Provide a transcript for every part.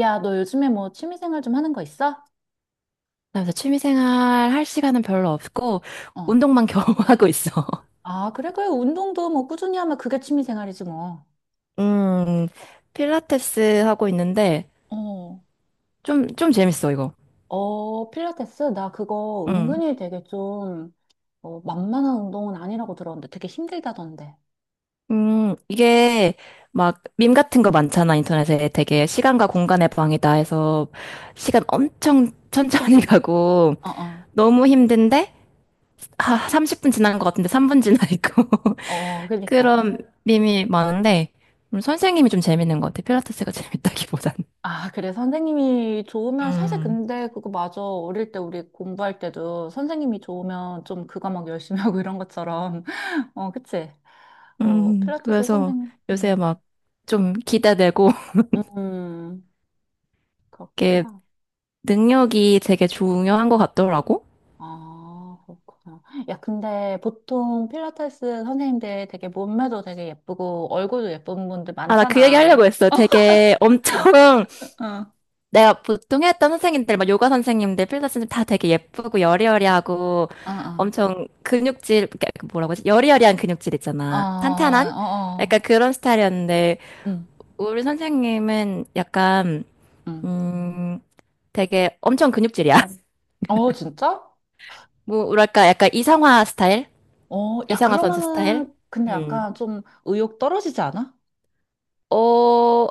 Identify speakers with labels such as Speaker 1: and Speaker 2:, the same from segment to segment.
Speaker 1: 야, 너 요즘에 뭐 취미생활 좀 하는 거 있어?
Speaker 2: 그래서 취미생활 할 시간은 별로 없고
Speaker 1: 어.
Speaker 2: 운동만 겨우 하고 있어.
Speaker 1: 아, 그래, 그래. 운동도 뭐 꾸준히 하면 그게 취미생활이지 뭐.
Speaker 2: 음, 필라테스 하고 있는데
Speaker 1: 어,
Speaker 2: 좀 재밌어, 이거.
Speaker 1: 어, 필라테스? 나 그거
Speaker 2: 음,
Speaker 1: 은근히 되게 좀, 어, 만만한 운동은 아니라고 들었는데 되게 힘들다던데.
Speaker 2: 이게 막 밈 같은 거 많잖아, 인터넷에. 되게 시간과 공간의 방이다 해서 시간 엄청 천천히 가고
Speaker 1: 어, 어.
Speaker 2: 너무 힘든데 30분 지난 것 같은데 3분 지나 있고
Speaker 1: 어, 그러니까.
Speaker 2: 그런 밈이 많은데 선생님이 좀 재밌는 것 같아. 필라테스가 재밌다기보다는.
Speaker 1: 아, 그래. 선생님이 좋으면 사실
Speaker 2: 음.
Speaker 1: 근데 그거 맞아. 어릴 때 우리 공부할 때도 선생님이 좋으면 좀 그거 막 열심히 하고 이런 것처럼. 어, 그치? 어, 필라테스
Speaker 2: 그래서
Speaker 1: 선생님.
Speaker 2: 요새
Speaker 1: 음.
Speaker 2: 막 좀 기대되고,
Speaker 1: 음.
Speaker 2: 이게
Speaker 1: 그렇구나.
Speaker 2: 능력이 되게 중요한 것 같더라고.
Speaker 1: 아, 그렇구나. 야, 근데 보통 필라테스 선생님들 되게 몸매도 되게 예쁘고 얼굴도 예쁜 분들
Speaker 2: 아, 나 그 얘기
Speaker 1: 많잖아.
Speaker 2: 하려고 했어. 되게 엄청,
Speaker 1: 응
Speaker 2: 내가 보통 했던 선생님들, 막 요가 선생님들, 필라테스 선생님 다 되게 예쁘고 여리여리하고
Speaker 1: 어, 어,
Speaker 2: 엄청 근육질, 그러니까 그 뭐라고 하지? 여리여리한 근육질
Speaker 1: 어,
Speaker 2: 있잖아. 탄탄한?
Speaker 1: 어,
Speaker 2: 약간 그런 스타일이었는데,
Speaker 1: 응,
Speaker 2: 우리 선생님은 약간,
Speaker 1: 응.
Speaker 2: 음, 되게 엄청 근육질이야.
Speaker 1: 어, 진짜?
Speaker 2: 뭐랄까, 약간 이성화 스타일?
Speaker 1: 어, 야,
Speaker 2: 이상화 선수 스타일?
Speaker 1: 그러면은, 근데
Speaker 2: 음.
Speaker 1: 약간 좀 의욕 떨어지지 않아?
Speaker 2: 어,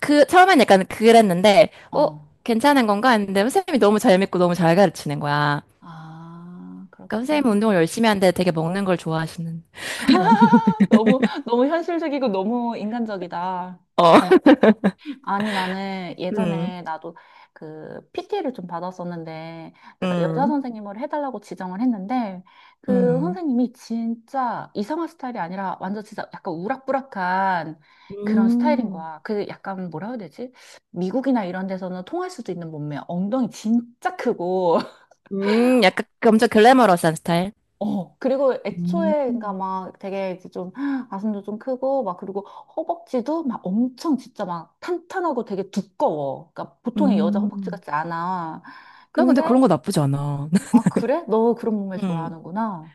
Speaker 2: 처음엔 약간 그랬는데, 어,
Speaker 1: 어.
Speaker 2: 괜찮은 건가 했는데, 선생님이 너무 잘 믿고 너무 잘 가르치는 거야.
Speaker 1: 아,
Speaker 2: 그러니까 선생님
Speaker 1: 그렇구나.
Speaker 2: 운동을 열심히 하는데 되게 먹는 걸 좋아하시는.
Speaker 1: 너무, 너무 현실적이고 너무 인간적이다.
Speaker 2: 어,
Speaker 1: 아니, 나는
Speaker 2: 음,
Speaker 1: 예전에 나도 그 PT를 좀 받았었는데, 내가 여자
Speaker 2: 음,
Speaker 1: 선생님을 해달라고 지정을 했는데, 그
Speaker 2: 음.
Speaker 1: 선생님이 진짜 이상한 스타일이 아니라 완전 진짜 약간 우락부락한 그런 스타일인
Speaker 2: 음.
Speaker 1: 거야. 그 약간 뭐라 해야 되지? 미국이나 이런 데서는 통할 수도 있는 몸매, 엉덩이 진짜 크고,
Speaker 2: 약간 그 엄청 글래머러스한 스타일?
Speaker 1: 어, 그리고 애초에, 그니까
Speaker 2: 음.
Speaker 1: 막 되게 이제 좀 가슴도 좀 크고, 막 그리고 허벅지도 막 엄청 진짜 막 탄탄하고 되게 두꺼워. 그니까 보통의 여자 허벅지
Speaker 2: 음.
Speaker 1: 같지 않아.
Speaker 2: 나 근데
Speaker 1: 근데,
Speaker 2: 그런 거 나쁘지 않아.
Speaker 1: 아, 그래? 너 그런 몸매
Speaker 2: 음.
Speaker 1: 좋아하는구나.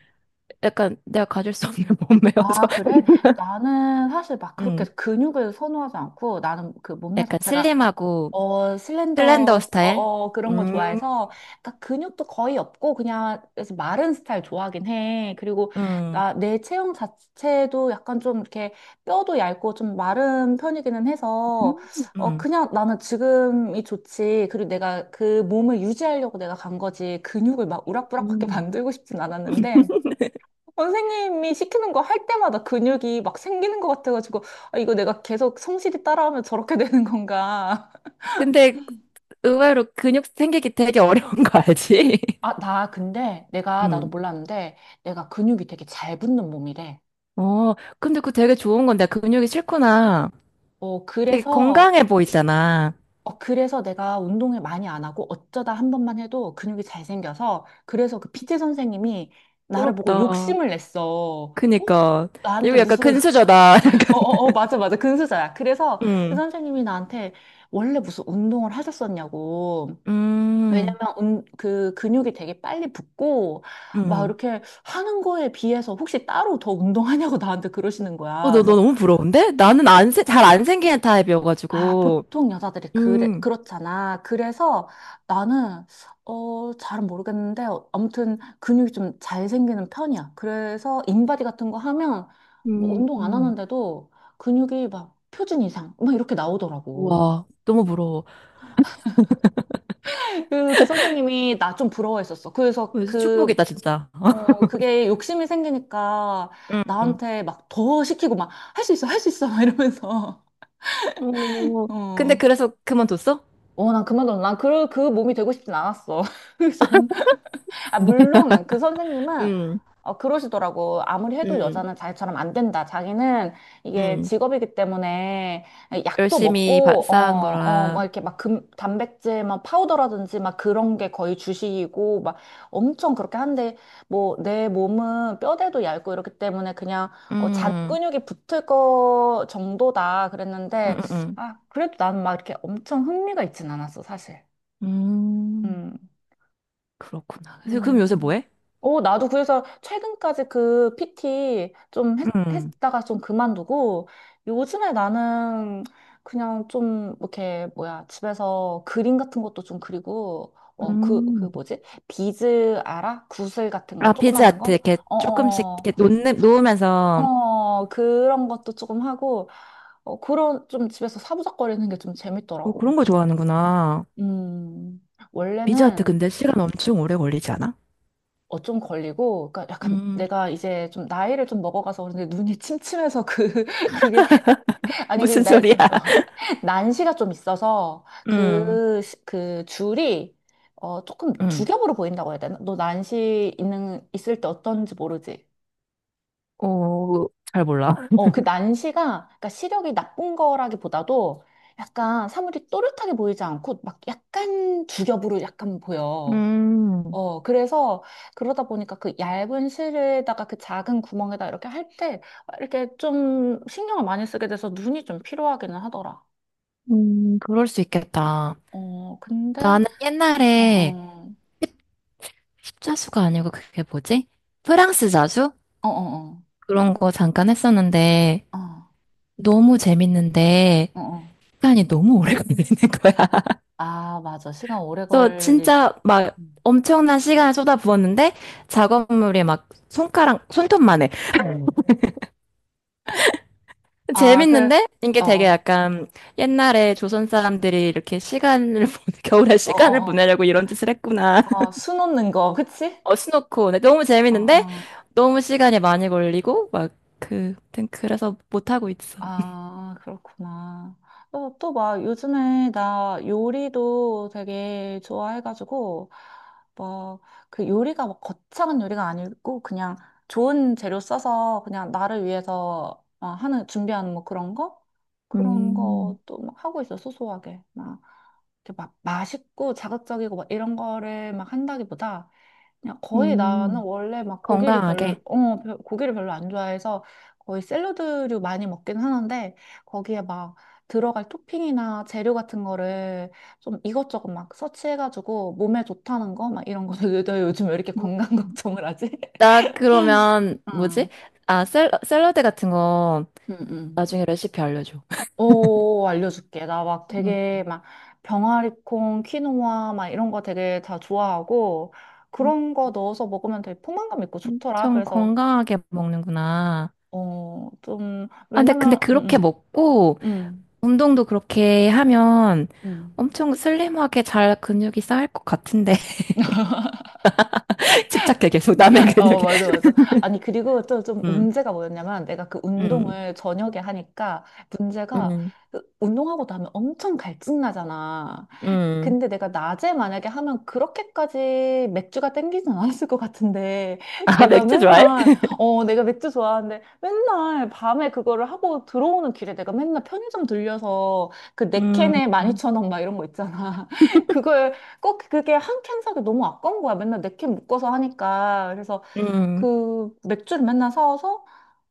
Speaker 2: 약간 내가 가질 수 없는 몸매여서.
Speaker 1: 아, 그래? 나는 사실 막 그렇게
Speaker 2: 음.
Speaker 1: 근육을 선호하지 않고 나는 그 몸매
Speaker 2: 약간
Speaker 1: 자체가
Speaker 2: 슬림하고,
Speaker 1: 어, 슬렌더,
Speaker 2: 슬렌더
Speaker 1: 어,
Speaker 2: 스타일?
Speaker 1: 어, 그런 거
Speaker 2: 음,
Speaker 1: 좋아해서, 그러니까 근육도 거의 없고, 그냥, 그래서 마른 스타일 좋아하긴 해. 그리고,
Speaker 2: 음,
Speaker 1: 나, 내 체형 자체도 약간 좀 이렇게 뼈도 얇고 좀 마른 편이기는 해서, 어,
Speaker 2: 음.
Speaker 1: 그냥 나는 지금이 좋지. 그리고 내가 그 몸을 유지하려고 내가 간 거지. 근육을 막 우락부락하게 만들고 싶진
Speaker 2: 음.
Speaker 1: 않았는데, 선생님이 시키는 거 할 때마다 근육이 막 생기는 것 같아가지고, 아, 이거 내가 계속 성실히 따라하면 저렇게 되는 건가.
Speaker 2: 근데 의외로 근육 생기기 되게 어려운 거 알지?
Speaker 1: 아, 나 근데 내가 나도
Speaker 2: 음.
Speaker 1: 몰랐는데 내가 근육이 되게 잘 붙는 몸이래.
Speaker 2: 어, 근데 그거 되게 좋은 건데 근육이 싫구나.
Speaker 1: 어,
Speaker 2: 되게
Speaker 1: 그래서
Speaker 2: 건강해 보이잖아.
Speaker 1: 어, 그래서 내가 운동을 많이 안 하고 어쩌다 한 번만 해도 근육이 잘 생겨서 그래서 그피 t 선생님이 나를 보고
Speaker 2: 부럽다.
Speaker 1: 욕심을 냈어. 어?
Speaker 2: 그니까.
Speaker 1: 나한테
Speaker 2: 이거 약간
Speaker 1: 무슨
Speaker 2: 근수저다.
Speaker 1: 어,
Speaker 2: 약간.
Speaker 1: 어, 어, 맞아, 맞아. 근수자야. 그래서 그
Speaker 2: 음,
Speaker 1: 선생님이 나한테 원래 무슨 운동을 하셨었냐고.
Speaker 2: 음.
Speaker 1: 왜냐면 그 근육이 되게 빨리 붙고 막
Speaker 2: 음,
Speaker 1: 이렇게 하는 거에 비해서 혹시 따로 더 운동하냐고 나한테 그러시는
Speaker 2: 어,
Speaker 1: 거야.
Speaker 2: 너
Speaker 1: 그래서
Speaker 2: 너무 부러운데? 나는 안, 잘 안 생기는
Speaker 1: 아,
Speaker 2: 타입이어가지고.
Speaker 1: 보통 여자들이 그래
Speaker 2: 음,
Speaker 1: 그렇잖아. 그래서 나는 어, 잘은 모르겠는데 아무튼 근육이 좀 잘 생기는 편이야. 그래서 인바디 같은 거 하면 뭐 운동 안
Speaker 2: 음.
Speaker 1: 하는데도 근육이 막 표준 이상 막 이렇게 나오더라고.
Speaker 2: 우와, 너무 부러워.
Speaker 1: 그, 그 선생님이 나 좀 부러워했었어. 그래서
Speaker 2: 그래서
Speaker 1: 그
Speaker 2: 축복이다, 진짜.
Speaker 1: 어, 그게 욕심이 생기니까
Speaker 2: 응,
Speaker 1: 나한테 막 더 시키고 막 할 수 있어, 할 수 있어, 막 이러면서.
Speaker 2: 오, 근데
Speaker 1: 어.
Speaker 2: 그래서 그만뒀어?
Speaker 1: 어, 난 그만둬. 난 그, 그 몸이 되고 싶진 않았어. 그래서 아, 물론 그 선생님은
Speaker 2: 응,
Speaker 1: 어, 그러시더라고. 아무리 해도
Speaker 2: 응,
Speaker 1: 여자는 자기처럼 안 된다. 자기는 이게
Speaker 2: 응.
Speaker 1: 직업이기 때문에 약도
Speaker 2: 열심히
Speaker 1: 먹고,
Speaker 2: 쌓은
Speaker 1: 어, 어, 막
Speaker 2: 거라.
Speaker 1: 이렇게 막 금, 단백질, 막 파우더라든지 막 그런 게 거의 주식이고, 막 엄청 그렇게 한데, 뭐, 내 몸은 뼈대도 얇고 이렇기 때문에 그냥 어, 잔
Speaker 2: 응,
Speaker 1: 근육이 붙을 거 정도다.
Speaker 2: 응,
Speaker 1: 그랬는데,
Speaker 2: 응,
Speaker 1: 아, 그래도 나는 막 이렇게 엄청 흥미가 있진 않았어, 사실.
Speaker 2: 응 음,
Speaker 1: 음.
Speaker 2: 그렇구나. 그래서 그럼 요새 뭐
Speaker 1: 음.
Speaker 2: 해?
Speaker 1: 어, 나도 그래서 최근까지 그 PT 좀 했,
Speaker 2: 응.
Speaker 1: 했다가 좀 그만두고 요즘에 나는 그냥 좀 이렇게 뭐야 집에서 그림 같은 것도 좀 그리고 어, 그, 그
Speaker 2: 음.
Speaker 1: 뭐지? 비즈 알아? 구슬 같은 거
Speaker 2: 아,
Speaker 1: 조그만한
Speaker 2: 비즈아트
Speaker 1: 거?
Speaker 2: 이렇게
Speaker 1: 어,
Speaker 2: 조금씩
Speaker 1: 어,
Speaker 2: 이렇게
Speaker 1: 어,
Speaker 2: 놓으면서
Speaker 1: 어, 그런 것도 조금 하고 어, 그런 좀 집에서 사부작거리는 게 좀
Speaker 2: 뭐
Speaker 1: 재밌더라고.
Speaker 2: 그런 거 좋아하는구나.
Speaker 1: 음,
Speaker 2: 비즈아트
Speaker 1: 원래는
Speaker 2: 근데 시간 엄청 오래 걸리지 않아?
Speaker 1: 어, 좀 걸리고, 그러니까 약간
Speaker 2: 음,
Speaker 1: 내가 이제 좀 나이를 좀 먹어가서 그런데 눈이 침침해서 그, 그게, 아니, 그,
Speaker 2: 무슨
Speaker 1: 나,
Speaker 2: 소리야?
Speaker 1: 좀, 어, 난시가 좀 있어서
Speaker 2: 응,
Speaker 1: 그, 그 줄이, 어, 조금 두
Speaker 2: 응.
Speaker 1: 겹으로 보인다고 해야 되나? 너 난시 있을 때 어떤지 모르지?
Speaker 2: 오 잘 몰라.
Speaker 1: 어, 그 난시가, 그러니까 시력이 나쁜 거라기보다도 약간 사물이 또렷하게 보이지 않고 막 약간 두 겹으로 약간 보여.
Speaker 2: 음.
Speaker 1: 어, 그래서 그러다 보니까 그 얇은 실에다가 그 작은 구멍에다 이렇게 할 때 이렇게 좀 신경을 많이 쓰게 돼서 눈이 좀 필요하기는 하더라.
Speaker 2: 그럴 수 있겠다.
Speaker 1: 어, 근데,
Speaker 2: 나는
Speaker 1: 어,
Speaker 2: 옛날에
Speaker 1: 어,
Speaker 2: 십자수가 아니고 그게 뭐지? 프랑스 자수?
Speaker 1: 어, 어, 어,
Speaker 2: 그런 거 잠깐 했었는데
Speaker 1: 어,
Speaker 2: 너무 재밌는데
Speaker 1: 어. 어.
Speaker 2: 시간이 너무 오래 걸리는 거야.
Speaker 1: 아, 맞아. 시간 오래
Speaker 2: 그래서
Speaker 1: 걸리지.
Speaker 2: 진짜 막
Speaker 1: 음.
Speaker 2: 엄청난 시간을 쏟아부었는데 작업물이 막 손가락, 손톱만 해.
Speaker 1: 아, 그,
Speaker 2: 재밌는데 이게
Speaker 1: 어,
Speaker 2: 되게
Speaker 1: 어,
Speaker 2: 약간 옛날에 조선 사람들이 이렇게 시간을 보내, 겨울에
Speaker 1: 어,
Speaker 2: 시간을
Speaker 1: 어,
Speaker 2: 보내려고 이런 짓을 했구나.
Speaker 1: 어, 어, 수놓는 거, 그치?
Speaker 2: 어, 스노코. 네, 너무
Speaker 1: 어,
Speaker 2: 재밌는데
Speaker 1: 어.
Speaker 2: 너무 시간이 많이 걸리고 막 아무튼 그래서 못 하고 있어.
Speaker 1: 아, 그렇구나. 또, 또 막, 요즘에 나 요리도 되게 좋아해가지고, 뭐, 그 요리가 막 거창한 요리가 아니고, 그냥 좋은 재료 써서 그냥 나를 위해서 어, 하는, 준비하는 뭐 그런 거? 그런
Speaker 2: 음,
Speaker 1: 것도 막 하고 있어, 소소하게. 막, 이렇게 막 맛있고 자극적이고 막 이런 거를 막 한다기보다, 그냥 거의 나는
Speaker 2: 음,
Speaker 1: 원래 막 고기를
Speaker 2: 건강하게.
Speaker 1: 고기를 별로 안 좋아해서 거의 샐러드류 많이 먹긴 하는데 거기에 막 들어갈 토핑이나 재료 같은 거를 좀 이것저것 막 서치해가지고 몸에 좋다는 거 막 이런 거도 너 요즘 왜 이렇게
Speaker 2: 음.
Speaker 1: 건강 걱정을 하지?
Speaker 2: 나 그러면 뭐지?
Speaker 1: 응,
Speaker 2: 아, 샐러드 같은 거
Speaker 1: 응, 응.
Speaker 2: 나중에 레시피 알려줘.
Speaker 1: 오, 알려줄게. 나 막
Speaker 2: 음.
Speaker 1: 되게 막 병아리콩, 키노아 막 이런 거 되게 다 좋아하고 그런 거 넣어서 먹으면 되게 포만감 있고 좋더라.
Speaker 2: 엄청
Speaker 1: 그래서
Speaker 2: 건강하게 먹는구나.
Speaker 1: 어, 좀,
Speaker 2: 아, 근데
Speaker 1: 왜냐면,
Speaker 2: 그렇게
Speaker 1: 응응응응
Speaker 2: 먹고 운동도 그렇게 하면 엄청 슬림하게 잘 근육이 쌓일 것 같은데. 집착해 계속 남의
Speaker 1: 어,
Speaker 2: 근육에.
Speaker 1: 맞아, 맞아. 아니, 그리고 또 좀
Speaker 2: 음,
Speaker 1: 문제가 뭐였냐면, 내가 그
Speaker 2: 음.
Speaker 1: 운동을 저녁에 하니까, 문제가,
Speaker 2: 음.
Speaker 1: 그 운동하고 나면 엄청 갈증나잖아.
Speaker 2: 음,
Speaker 1: 근데 내가 낮에 만약에 하면 그렇게까지 맥주가 땡기진 않았을 것 같은데
Speaker 2: 아,
Speaker 1: 내가
Speaker 2: 맥주 좋아해?
Speaker 1: 맨날 어 내가 맥주 좋아하는데 맨날 밤에 그거를 하고 들어오는 길에 내가 맨날 편의점 들려서 그 네
Speaker 2: 음,
Speaker 1: 캔에 12,000원 막 이런 거 있잖아. 그걸 꼭 그게 한 캔 사기 너무 아까운 거야. 맨날 네 캔 묶어서 하니까. 그래서
Speaker 2: 음.
Speaker 1: 그 맥주를 맨날 사와서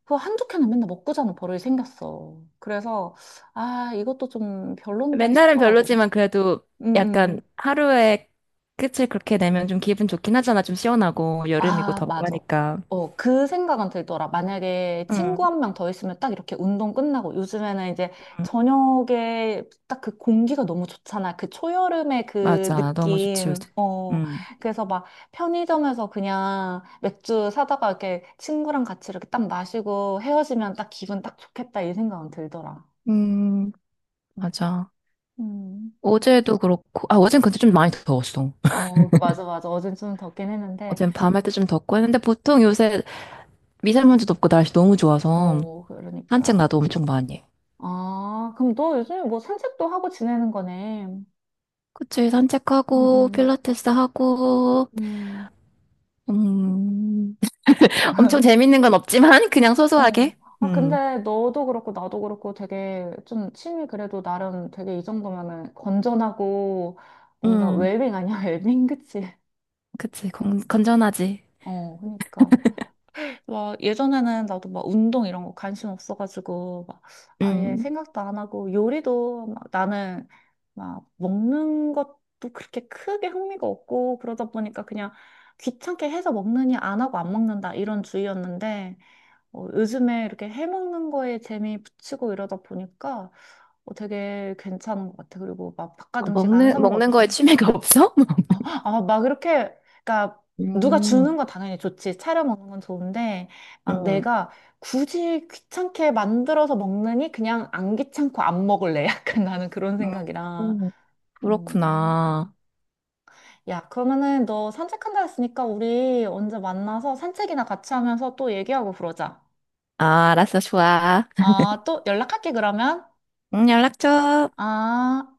Speaker 1: 그 한두 캔을 맨날 먹고 자는 버릇이 생겼어. 그래서 아 이것도 좀 별론데
Speaker 2: 맨날은
Speaker 1: 싶더라고.
Speaker 2: 별로지만 그래도 약간
Speaker 1: 응응.
Speaker 2: 하루에 끝을 그렇게 내면 좀 기분 좋긴 하잖아. 좀 시원하고 여름이고
Speaker 1: 아,
Speaker 2: 덥고
Speaker 1: 맞아.
Speaker 2: 하니까.
Speaker 1: 어, 그 생각은 들더라. 만약에 친구
Speaker 2: 음,
Speaker 1: 한 명 더 있으면 딱 이렇게 운동 끝나고 요즘에는 이제
Speaker 2: 음,
Speaker 1: 저녁에 딱 그 공기가 너무 좋잖아. 그 초여름의 그
Speaker 2: 맞아. 너무 좋지,
Speaker 1: 느낌.
Speaker 2: 요새.
Speaker 1: 어,
Speaker 2: 음.
Speaker 1: 그래서 막 편의점에서 그냥 맥주 사다가 이렇게 친구랑 같이 이렇게 딱 마시고 헤어지면 딱 기분 딱 좋겠다 이 생각은 들더라.
Speaker 2: 음,
Speaker 1: 음.
Speaker 2: 맞아.
Speaker 1: 음.
Speaker 2: 어제도 그렇고, 아, 어젠 근데 좀 많이 더웠어.
Speaker 1: 어, 맞아, 맞아. 어젠 좀 덥긴 했는데,
Speaker 2: 어젠 밤할 때 좀 덥고 했는데 보통 요새 미세먼지도 없고 날씨 너무 좋아서
Speaker 1: 어,
Speaker 2: 산책
Speaker 1: 그러니까.
Speaker 2: 나도 엄청 많이 해.
Speaker 1: 아, 그럼 너 요즘에 뭐 산책도 하고 지내는 거네. 응,
Speaker 2: 그치, 산책하고,
Speaker 1: 음,
Speaker 2: 필라테스 하고,
Speaker 1: 음.
Speaker 2: 음, 엄청 재밌는 건 없지만 그냥
Speaker 1: 어.
Speaker 2: 소소하게.
Speaker 1: 아,
Speaker 2: 음,
Speaker 1: 근데 너도 그렇고 나도 그렇고 되게 좀 취미 그래도 나름 되게 이 정도면은 건전하고 뭔가
Speaker 2: 음,
Speaker 1: 웰빙 아니야? 웰빙, 그치?
Speaker 2: 그치. 건전하지.
Speaker 1: 어, 그러니까. 와, 예전에는 나도 막 운동 이런 거 관심 없어가지고, 막 아예
Speaker 2: 음,
Speaker 1: 생각도 안 하고, 요리도 막 나는 막 먹는 것도 그렇게 크게 흥미가 없고, 그러다 보니까 그냥 귀찮게 해서 먹느니 안 하고 안 먹는다 이런 주의였는데, 어, 요즘에 이렇게 해 먹는 거에 재미 붙이고 이러다 보니까 어, 되게 괜찮은 것 같아. 그리고 막 바깥
Speaker 2: 어,
Speaker 1: 음식 안 사
Speaker 2: 먹는
Speaker 1: 먹어도
Speaker 2: 거에
Speaker 1: 되니까.
Speaker 2: 취미가 없어?
Speaker 1: 아, 막 이렇게, 그러니까 누가 주는
Speaker 2: 음,
Speaker 1: 건 당연히 좋지. 차려 먹는 건 좋은데, 막
Speaker 2: 음,
Speaker 1: 내가 굳이 귀찮게 만들어서 먹느니 그냥 안 귀찮고 안 먹을래. 약간 나는 그런 생각이라.
Speaker 2: 음,
Speaker 1: 음.
Speaker 2: 그렇구나.
Speaker 1: 야, 그러면은 너 산책한다 했으니까 우리 언제 만나서 산책이나 같이 하면서 또 얘기하고 그러자.
Speaker 2: 아, 알았어, 좋아.
Speaker 1: 아, 또 연락할게, 그러면.
Speaker 2: 응 연락 줘.
Speaker 1: 아.